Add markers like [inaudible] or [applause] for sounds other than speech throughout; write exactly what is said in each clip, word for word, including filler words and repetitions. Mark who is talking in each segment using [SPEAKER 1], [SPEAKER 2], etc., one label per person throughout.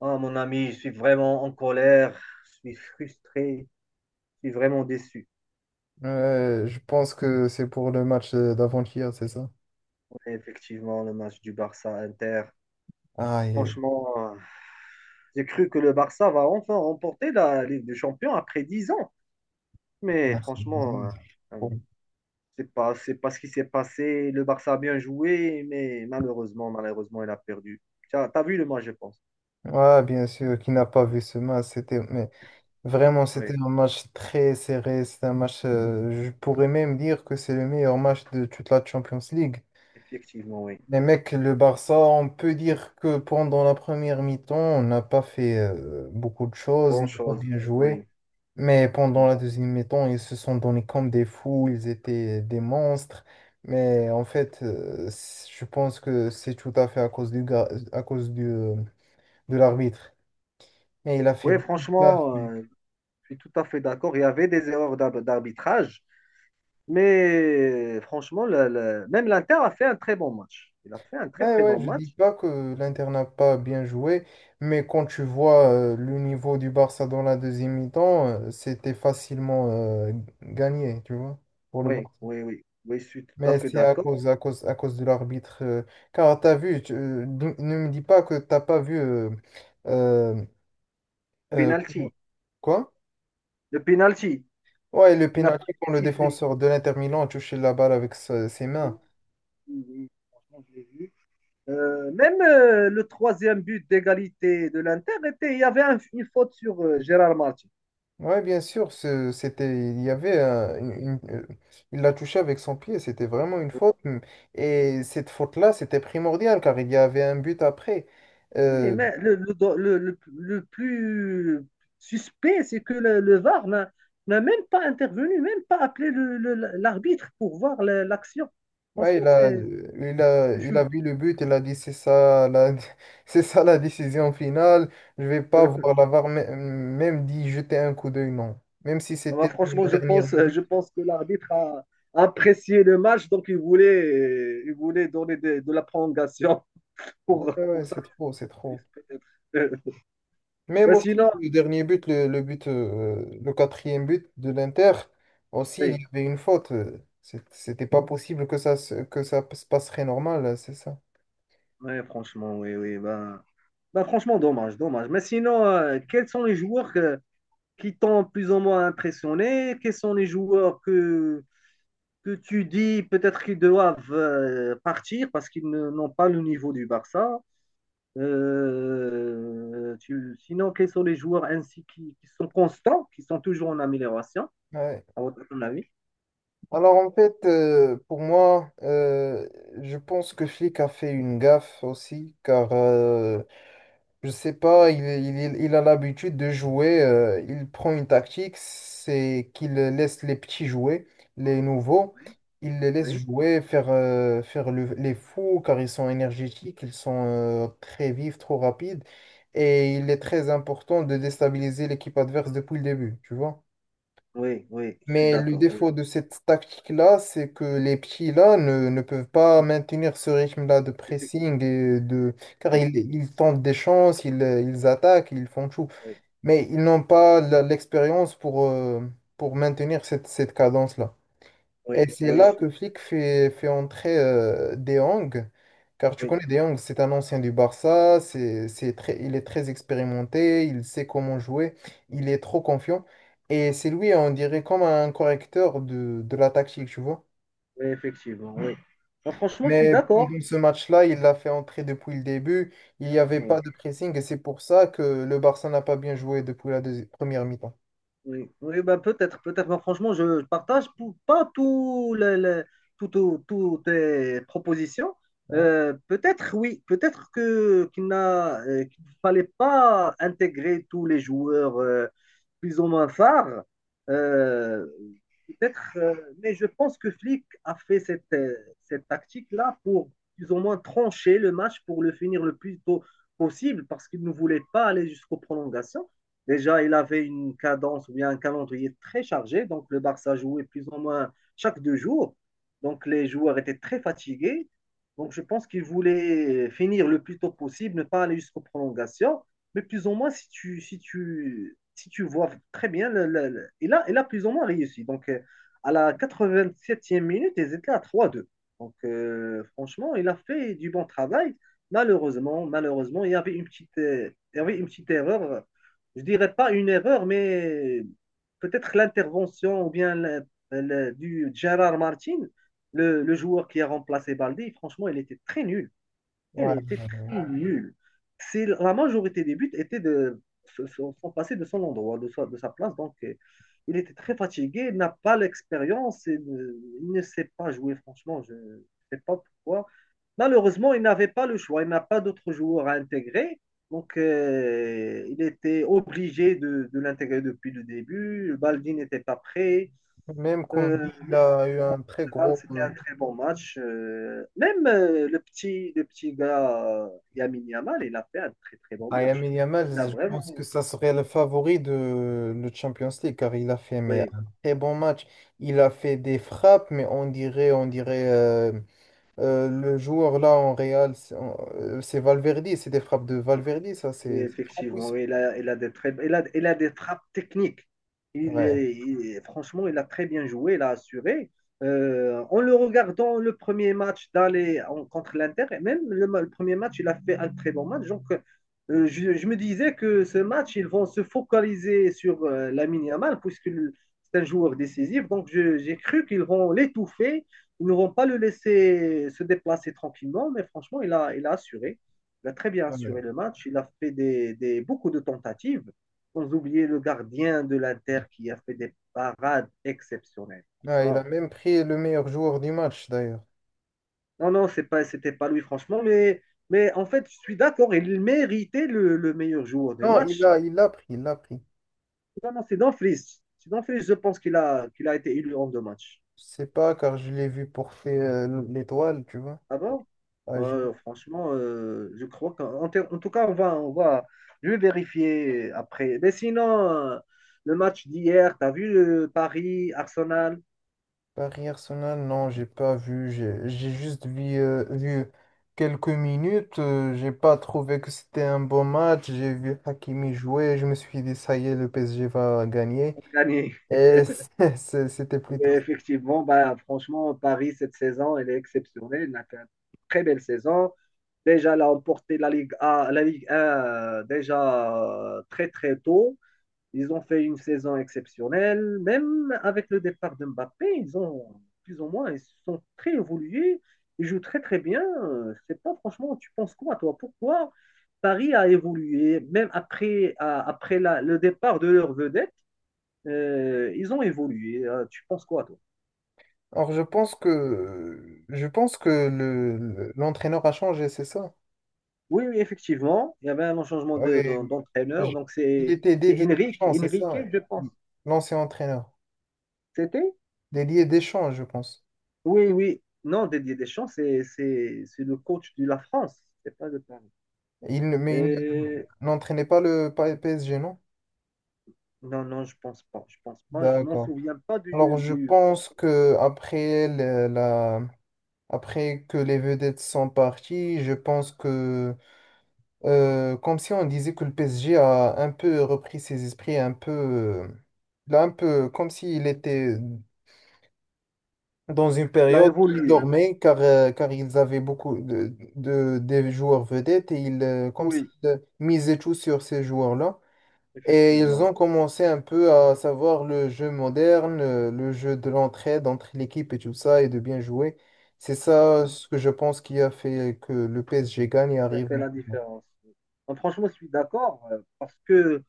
[SPEAKER 1] Oh, mon ami, je suis vraiment en colère, je suis frustré, je suis vraiment déçu.
[SPEAKER 2] Euh, je pense que c'est pour le match euh, d'avant-hier, c'est ça?
[SPEAKER 1] Ouais, effectivement, le match du Barça Inter.
[SPEAKER 2] Aïe, aïe.
[SPEAKER 1] Franchement, euh, j'ai cru que le Barça va enfin remporter la Ligue des Champions après dix ans. Mais
[SPEAKER 2] Merci.
[SPEAKER 1] franchement, euh, euh,
[SPEAKER 2] Bon.
[SPEAKER 1] c'est pas, c'est pas ce qui s'est passé. Le Barça a bien joué, mais malheureusement, malheureusement, il a perdu. T'as, t'as vu le match, je pense.
[SPEAKER 2] Ouais, bien sûr, qui n'a pas vu ce match, c'était, mais vraiment,
[SPEAKER 1] Oui,
[SPEAKER 2] c'était un match très serré. C'est un match, euh, je pourrais même dire que c'est le meilleur match de toute la Champions League.
[SPEAKER 1] effectivement, oui.
[SPEAKER 2] Les mecs, le Barça, on peut dire que pendant la première mi-temps, on n'a pas fait euh, beaucoup de choses, on
[SPEAKER 1] Bonne
[SPEAKER 2] n'a pas
[SPEAKER 1] chose.
[SPEAKER 2] bien
[SPEAKER 1] Oui.
[SPEAKER 2] joué. Mais pendant la deuxième mi-temps, ils se sont donnés comme des fous, ils étaient des monstres. Mais en fait, euh, c- je pense que c'est tout à fait à cause du gars, à cause du, euh, de l'arbitre. Mais il a fait
[SPEAKER 1] Oui,
[SPEAKER 2] beaucoup de gaffe,
[SPEAKER 1] franchement,
[SPEAKER 2] mec.
[SPEAKER 1] euh, je suis tout à fait d'accord. Il y avait des erreurs d'ar- d'arbitrage. Mais franchement, le- le- même l'Inter a fait un très bon match. Il a fait un très
[SPEAKER 2] Ouais,
[SPEAKER 1] très
[SPEAKER 2] ouais,
[SPEAKER 1] bon
[SPEAKER 2] je dis
[SPEAKER 1] match.
[SPEAKER 2] pas que l'Inter n'a pas bien joué, mais quand tu vois euh, le niveau du Barça dans la deuxième mi-temps, euh, c'était facilement euh, gagné, tu vois, pour le Barça.
[SPEAKER 1] Oui, oui, oui. Oui, je suis tout à
[SPEAKER 2] Mais
[SPEAKER 1] fait
[SPEAKER 2] c'est à
[SPEAKER 1] d'accord.
[SPEAKER 2] cause, à cause, à cause de l'arbitre. Euh, car tu as vu, tu- euh, ne ne me dis pas que t'as pas vu. euh, euh, euh,
[SPEAKER 1] Penalty.
[SPEAKER 2] quoi?
[SPEAKER 1] Le penalty
[SPEAKER 2] Ouais, le
[SPEAKER 1] qui n'a pas
[SPEAKER 2] pénalty quand
[SPEAKER 1] été
[SPEAKER 2] le
[SPEAKER 1] sifflé.
[SPEAKER 2] défenseur de l'Inter Milan a touché la balle avec sa- ses
[SPEAKER 1] Oui,
[SPEAKER 2] mains.
[SPEAKER 1] oui, oui. Franchement, je l'ai vu. Euh, même euh, le troisième but d'égalité de l'Inter était, il y avait un- une faute sur euh, Gérard Martin.
[SPEAKER 2] Ouais, bien sûr, ce- c'était, il y avait euh, une- une- euh, il l'a touché avec son pied, c'était vraiment une faute. Mm. Et cette faute-là, c'était primordial car il y avait un but après.
[SPEAKER 1] Oui,
[SPEAKER 2] Euh,
[SPEAKER 1] mais le, le, le, le- le plus suspect, c'est que le, le V A R n'a n'a même pas intervenu, même pas appelé le- le- l'arbitre pour voir la- l'action.
[SPEAKER 2] Ouais, il
[SPEAKER 1] Franchement,
[SPEAKER 2] a,
[SPEAKER 1] c'est
[SPEAKER 2] il a,
[SPEAKER 1] c'est
[SPEAKER 2] il a
[SPEAKER 1] chelou.
[SPEAKER 2] vu le but, il a dit c'est ça la, [laughs] c'est ça la décision finale, je vais pas voir
[SPEAKER 1] [laughs]
[SPEAKER 2] la V A R, mê- même dit jeter un coup d'œil, non. Même si
[SPEAKER 1] Ah bah,
[SPEAKER 2] c'était
[SPEAKER 1] franchement,
[SPEAKER 2] la
[SPEAKER 1] je
[SPEAKER 2] dernière
[SPEAKER 1] pense,
[SPEAKER 2] minute.
[SPEAKER 1] je pense que l'arbitre a apprécié le match, donc il voulait, il voulait donner de, de la prolongation [laughs]
[SPEAKER 2] Ouais,
[SPEAKER 1] pour,
[SPEAKER 2] ouais,
[SPEAKER 1] pour
[SPEAKER 2] ouais,
[SPEAKER 1] ça.
[SPEAKER 2] c'est trop, c'est trop.
[SPEAKER 1] Peut-être. [laughs]
[SPEAKER 2] Même
[SPEAKER 1] Mais
[SPEAKER 2] aussi,
[SPEAKER 1] sinon,
[SPEAKER 2] le dernier but, le, le but, euh, le quatrième but de l'Inter, aussi, il
[SPEAKER 1] oui,
[SPEAKER 2] y avait une faute. euh, c'est- C'était pas possible que ça, se- que ça se passerait normal, c'est ça.
[SPEAKER 1] ouais, franchement, oui, oui. Bah, bah, franchement, dommage, dommage. Mais sinon, euh, quels sont les joueurs que, qui t'ont plus ou moins impressionné? Quels sont les joueurs que, que tu dis peut-être qu'ils doivent euh, partir parce qu'ils ne- n'ont pas le niveau du Barça? Euh, tu- sinon, quels sont les joueurs ainsi qui, qui sont constants, qui sont toujours en amélioration,
[SPEAKER 2] Ouais.
[SPEAKER 1] à votre avis?
[SPEAKER 2] Alors en fait, euh, pour moi, euh, je pense que Flick a fait une gaffe aussi, car euh, je sais pas, il, il- il- il a l'habitude de jouer, euh, il prend une tactique, c'est qu'il laisse les petits jouer, les nouveaux,
[SPEAKER 1] Oui,
[SPEAKER 2] il les laisse
[SPEAKER 1] oui,
[SPEAKER 2] jouer, faire, euh, faire le- les fous, car ils sont énergétiques, ils sont euh, très vifs, trop rapides, et il est très important de déstabiliser l'équipe adverse depuis le début, tu vois.
[SPEAKER 1] oui, oui, je suis
[SPEAKER 2] Mais le
[SPEAKER 1] d'accord, oui,
[SPEAKER 2] défaut de cette tactique-là, c'est que les petits-là ne, ne peuvent pas maintenir ce rythme-là de pressing
[SPEAKER 1] effectivement.
[SPEAKER 2] et de... car
[SPEAKER 1] Oui,
[SPEAKER 2] ils, ils tentent des chances, ils, ils attaquent, ils font tout.
[SPEAKER 1] oui,
[SPEAKER 2] Mais ils n'ont pas la- l'expérience pour, euh, pour maintenir cette, cette cadence-là. Et
[SPEAKER 1] oui,
[SPEAKER 2] c'est
[SPEAKER 1] oui, je
[SPEAKER 2] là
[SPEAKER 1] suis-
[SPEAKER 2] que Flick fait, fait entrer euh, De Jong, car tu
[SPEAKER 1] oui,
[SPEAKER 2] connais De Jong, c'est un ancien du Barça, c'est, c'est très, il est très expérimenté, il sait comment jouer, il est trop confiant. Et c'est lui, on dirait, comme un correcteur de, de la tactique, tu vois.
[SPEAKER 1] oui, effectivement, oui. Bon, franchement, je suis
[SPEAKER 2] Mais
[SPEAKER 1] d'accord.
[SPEAKER 2] pendant ce match-là, il l'a fait entrer depuis le début, il n'y avait
[SPEAKER 1] Oui.
[SPEAKER 2] pas de pressing, et c'est pour ça que le Barça n'a pas bien joué depuis la deuxi- première mi-temps.
[SPEAKER 1] Oui, oui, bah peut-être, peut-être. Mais franchement, je partage pou- pas tout le- le- tout- tout- toutes tes propositions.
[SPEAKER 2] Ouais.
[SPEAKER 1] Euh, peut-être, oui, peut-être que qu'il n'a, euh, qu'il ne fallait pas intégrer tous les joueurs euh, plus ou moins phares. Euh, peut-être, euh, mais je pense que Flick a fait cette, euh, cette tactique-là pour plus ou moins trancher le match pour le finir le plus tôt possible parce qu'il ne voulait pas aller jusqu'aux prolongations. Déjà, il avait une cadence ou bien un calendrier très chargé. Donc, le Barça jouait plus ou moins chaque deux jours. Donc, les joueurs étaient très fatigués. Donc, je pense qu'il voulait finir le plus tôt possible, ne pas aller jusqu'aux prolongations. Mais plus ou moins, si tu, si tu, si tu vois très bien, le- le- le- il a, il a plus ou moins réussi. Donc, euh, à la quatre-vingt-septième minute, ils étaient à trois deux. Donc, euh, franchement, il a fait du bon travail. Malheureusement, malheureusement, il y avait une petite, euh, il y avait une petite erreur, je dirais pas une erreur, mais peut-être l'intervention ou bien le- le- du Gérard Martin, le, le joueur qui a remplacé Baldi. Franchement, il était très nul, elle
[SPEAKER 2] Ouais.
[SPEAKER 1] était très nulle. C'est, la majorité des buts étaient de, se- se- sont passés de son endroit, de sa, de sa place. Donc, euh, il était très fatigué, il n'a pas l'expérience, il ne sait pas jouer, franchement. Je ne sais pas pourquoi. Malheureusement, il n'avait pas le choix. Il n'a pas d'autres joueurs à intégrer. Donc, euh, il était obligé de, de l'intégrer depuis le début. Baldi n'était pas prêt.
[SPEAKER 2] Même
[SPEAKER 1] Euh,
[SPEAKER 2] Koundé, il
[SPEAKER 1] mais
[SPEAKER 2] a eu
[SPEAKER 1] euh,
[SPEAKER 2] un
[SPEAKER 1] en
[SPEAKER 2] très
[SPEAKER 1] général,
[SPEAKER 2] gros...
[SPEAKER 1] c'était
[SPEAKER 2] euh,
[SPEAKER 1] un très bon match. Euh, même euh, le petit, le petit gars, euh, Lamine Yamal, il a fait un très très bon
[SPEAKER 2] Ah,
[SPEAKER 1] match.
[SPEAKER 2] Lamine Yamal,
[SPEAKER 1] Il a
[SPEAKER 2] je pense que
[SPEAKER 1] vraiment,
[SPEAKER 2] ça serait le favori de le Champions League car il a fait mais,
[SPEAKER 1] oui.
[SPEAKER 2] un très bon match. Il a fait des frappes, mais on dirait, on dirait euh, euh, le joueur là en Real, c'est euh, c'est Valverde, c'est des frappes de Valverde, ça
[SPEAKER 1] Oui,
[SPEAKER 2] c'est c'est trop
[SPEAKER 1] effectivement,
[SPEAKER 2] puissant.
[SPEAKER 1] oui, il a, il a des très, il a, il a des trappes techniques. Il
[SPEAKER 2] Ouais.
[SPEAKER 1] est, il- franchement, il a très bien joué, il a assuré. Euh, en le regardant, le premier match d'aller en- contre l'Inter, et même le, ma- le premier match, il a fait un très bon match. Donc, euh, je, je me disais que ce match, ils vont se focaliser sur la Lamine Yamal, puisque le- c'est un joueur décisif. Donc, je- j'ai cru qu'ils vont l'étouffer. Ils ne vont pas le laisser se déplacer tranquillement, mais franchement, il a, il a assuré. Il a très bien assuré
[SPEAKER 2] Ouais.
[SPEAKER 1] le match. Il a fait des, des- beaucoup de tentatives, sans oublier le gardien de l'Inter qui a fait des parades exceptionnelles.
[SPEAKER 2] Ouais, il a
[SPEAKER 1] Franchement,
[SPEAKER 2] même pris le meilleur joueur du match d'ailleurs.
[SPEAKER 1] non, non, c'est pas, c'était pas lui, franchement. Mais, mais en fait, je suis d'accord. Il méritait le, le meilleur joueur du
[SPEAKER 2] Non, il
[SPEAKER 1] match.
[SPEAKER 2] a, il l'a pris, il l'a pris.
[SPEAKER 1] Non, non, c'est Dumfries. C'est Dumfries, je pense qu'il a, qu'il a été élu en deux matchs.
[SPEAKER 2] Je sais pas car je l'ai vu porter euh, l'étoile, tu vois.
[SPEAKER 1] Ah bon?
[SPEAKER 2] Ah, je-
[SPEAKER 1] Euh, franchement, euh, je crois qu'en ter- en tout cas, on va, on va, je vais vérifier après. Mais sinon, euh, le match d'hier, t'as vu le Paris-Arsenal?
[SPEAKER 2] Paris Arsenal, non, j'ai pas vu. J'ai j'ai juste vu, euh, vu quelques minutes. Euh, j'ai pas trouvé que c'était un bon match. J'ai vu Hakimi jouer. Je me suis dit, ça y est, le P S G va gagner.
[SPEAKER 1] On a gagné.
[SPEAKER 2] Et [laughs] c'est- c'est- c'était plutôt.
[SPEAKER 1] Mais effectivement, bah, franchement, Paris, cette saison, elle est exceptionnelle. Elle a fait une très belle saison. Déjà, elle a emporté la Ligue A, la Ligue un, euh, déjà, euh, très, très tôt. Ils ont fait une saison exceptionnelle. Même avec le départ de Mbappé, ils ont plus ou moins, ils sont très évolués. Ils jouent très très bien. C'est pas, franchement, tu penses quoi toi? Pourquoi Paris a évolué même après, à- après la- le départ de leur vedette, euh, ils ont évolué. Euh, tu penses quoi toi?
[SPEAKER 2] Alors, je pense que je pense que le le- l'entraîneur a changé, c'est ça?
[SPEAKER 1] Oui, oui, effectivement, il y avait un changement de- de-
[SPEAKER 2] Oui,
[SPEAKER 1] d'entraîneur. Donc
[SPEAKER 2] il
[SPEAKER 1] c'est
[SPEAKER 2] était
[SPEAKER 1] c'est
[SPEAKER 2] dédié
[SPEAKER 1] Enrique,
[SPEAKER 2] Deschamps, c'est
[SPEAKER 1] Enrique,
[SPEAKER 2] ça?
[SPEAKER 1] je pense.
[SPEAKER 2] L'ancien entraîneur.
[SPEAKER 1] C'était?
[SPEAKER 2] Dédié Deschamps, je pense.
[SPEAKER 1] Oui, oui. Non, Didier Deschamps, c'est, c'est, c'est le coach de la France. C'est pas de Paris.
[SPEAKER 2] Il, ne- mais il ne-
[SPEAKER 1] Et...
[SPEAKER 2] N'entraînait pas le P S G, non?
[SPEAKER 1] Non, non, je pense pas. Je pense pas. Je m'en
[SPEAKER 2] D'accord.
[SPEAKER 1] souviens pas du,
[SPEAKER 2] Alors, je
[SPEAKER 1] du...
[SPEAKER 2] pense que après le- la, après que les vedettes sont parties, je pense que euh, comme si on disait que le P S G a un peu repris ses esprits, un peu, euh, là, un peu comme s'il était dans une
[SPEAKER 1] Il a
[SPEAKER 2] période qui
[SPEAKER 1] évolué.
[SPEAKER 2] dormait, car euh, car ils avaient beaucoup de, de- des joueurs vedettes et ils euh, comme
[SPEAKER 1] Oui,
[SPEAKER 2] s'ils misaient tout sur ces joueurs-là. Et ils
[SPEAKER 1] effectivement.
[SPEAKER 2] ont commencé un peu à savoir le jeu moderne, euh, le jeu de l'entraide entre l'équipe et tout ça, et de bien jouer. C'est ça ce que je pense qui a fait que le P S G gagne et
[SPEAKER 1] Il a
[SPEAKER 2] arrive
[SPEAKER 1] fait la
[SPEAKER 2] maintenant.
[SPEAKER 1] différence. Non, franchement, je suis d'accord, euh, parce que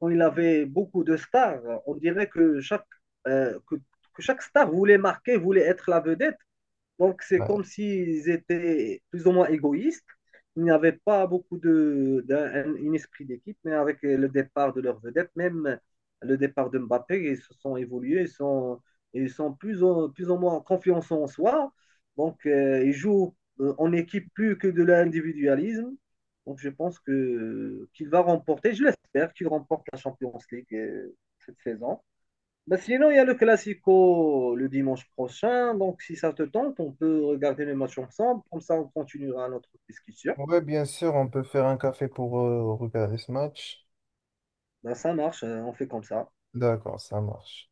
[SPEAKER 1] quand il avait beaucoup de stars, on dirait que chaque, euh, que, que chaque star voulait marquer, voulait être la vedette. Donc, c'est comme s'ils étaient plus ou moins égoïstes. Il n'y avait pas beaucoup de, d'un un esprit d'équipe, mais avec le départ de leur vedette, même le départ de Mbappé, ils se sont évolués, ils sont, ils sont plus, ou, plus ou moins en confiance en soi. Donc, euh, ils jouent, euh, en équipe plus que de l'individualisme. Donc, je pense que qu'il va remporter, je l'espère, qu'il remporte la Champions League, euh, cette saison. Bah, sinon, il y a le Classico le dimanche prochain. Donc, si ça te tente, on peut regarder les matchs ensemble. Comme ça, on continuera notre discussion.
[SPEAKER 2] Ouais, bien sûr, on peut faire un café pour euh, regarder ce match.
[SPEAKER 1] Bah, ça marche, euh, on fait comme ça.
[SPEAKER 2] D'accord, ça marche.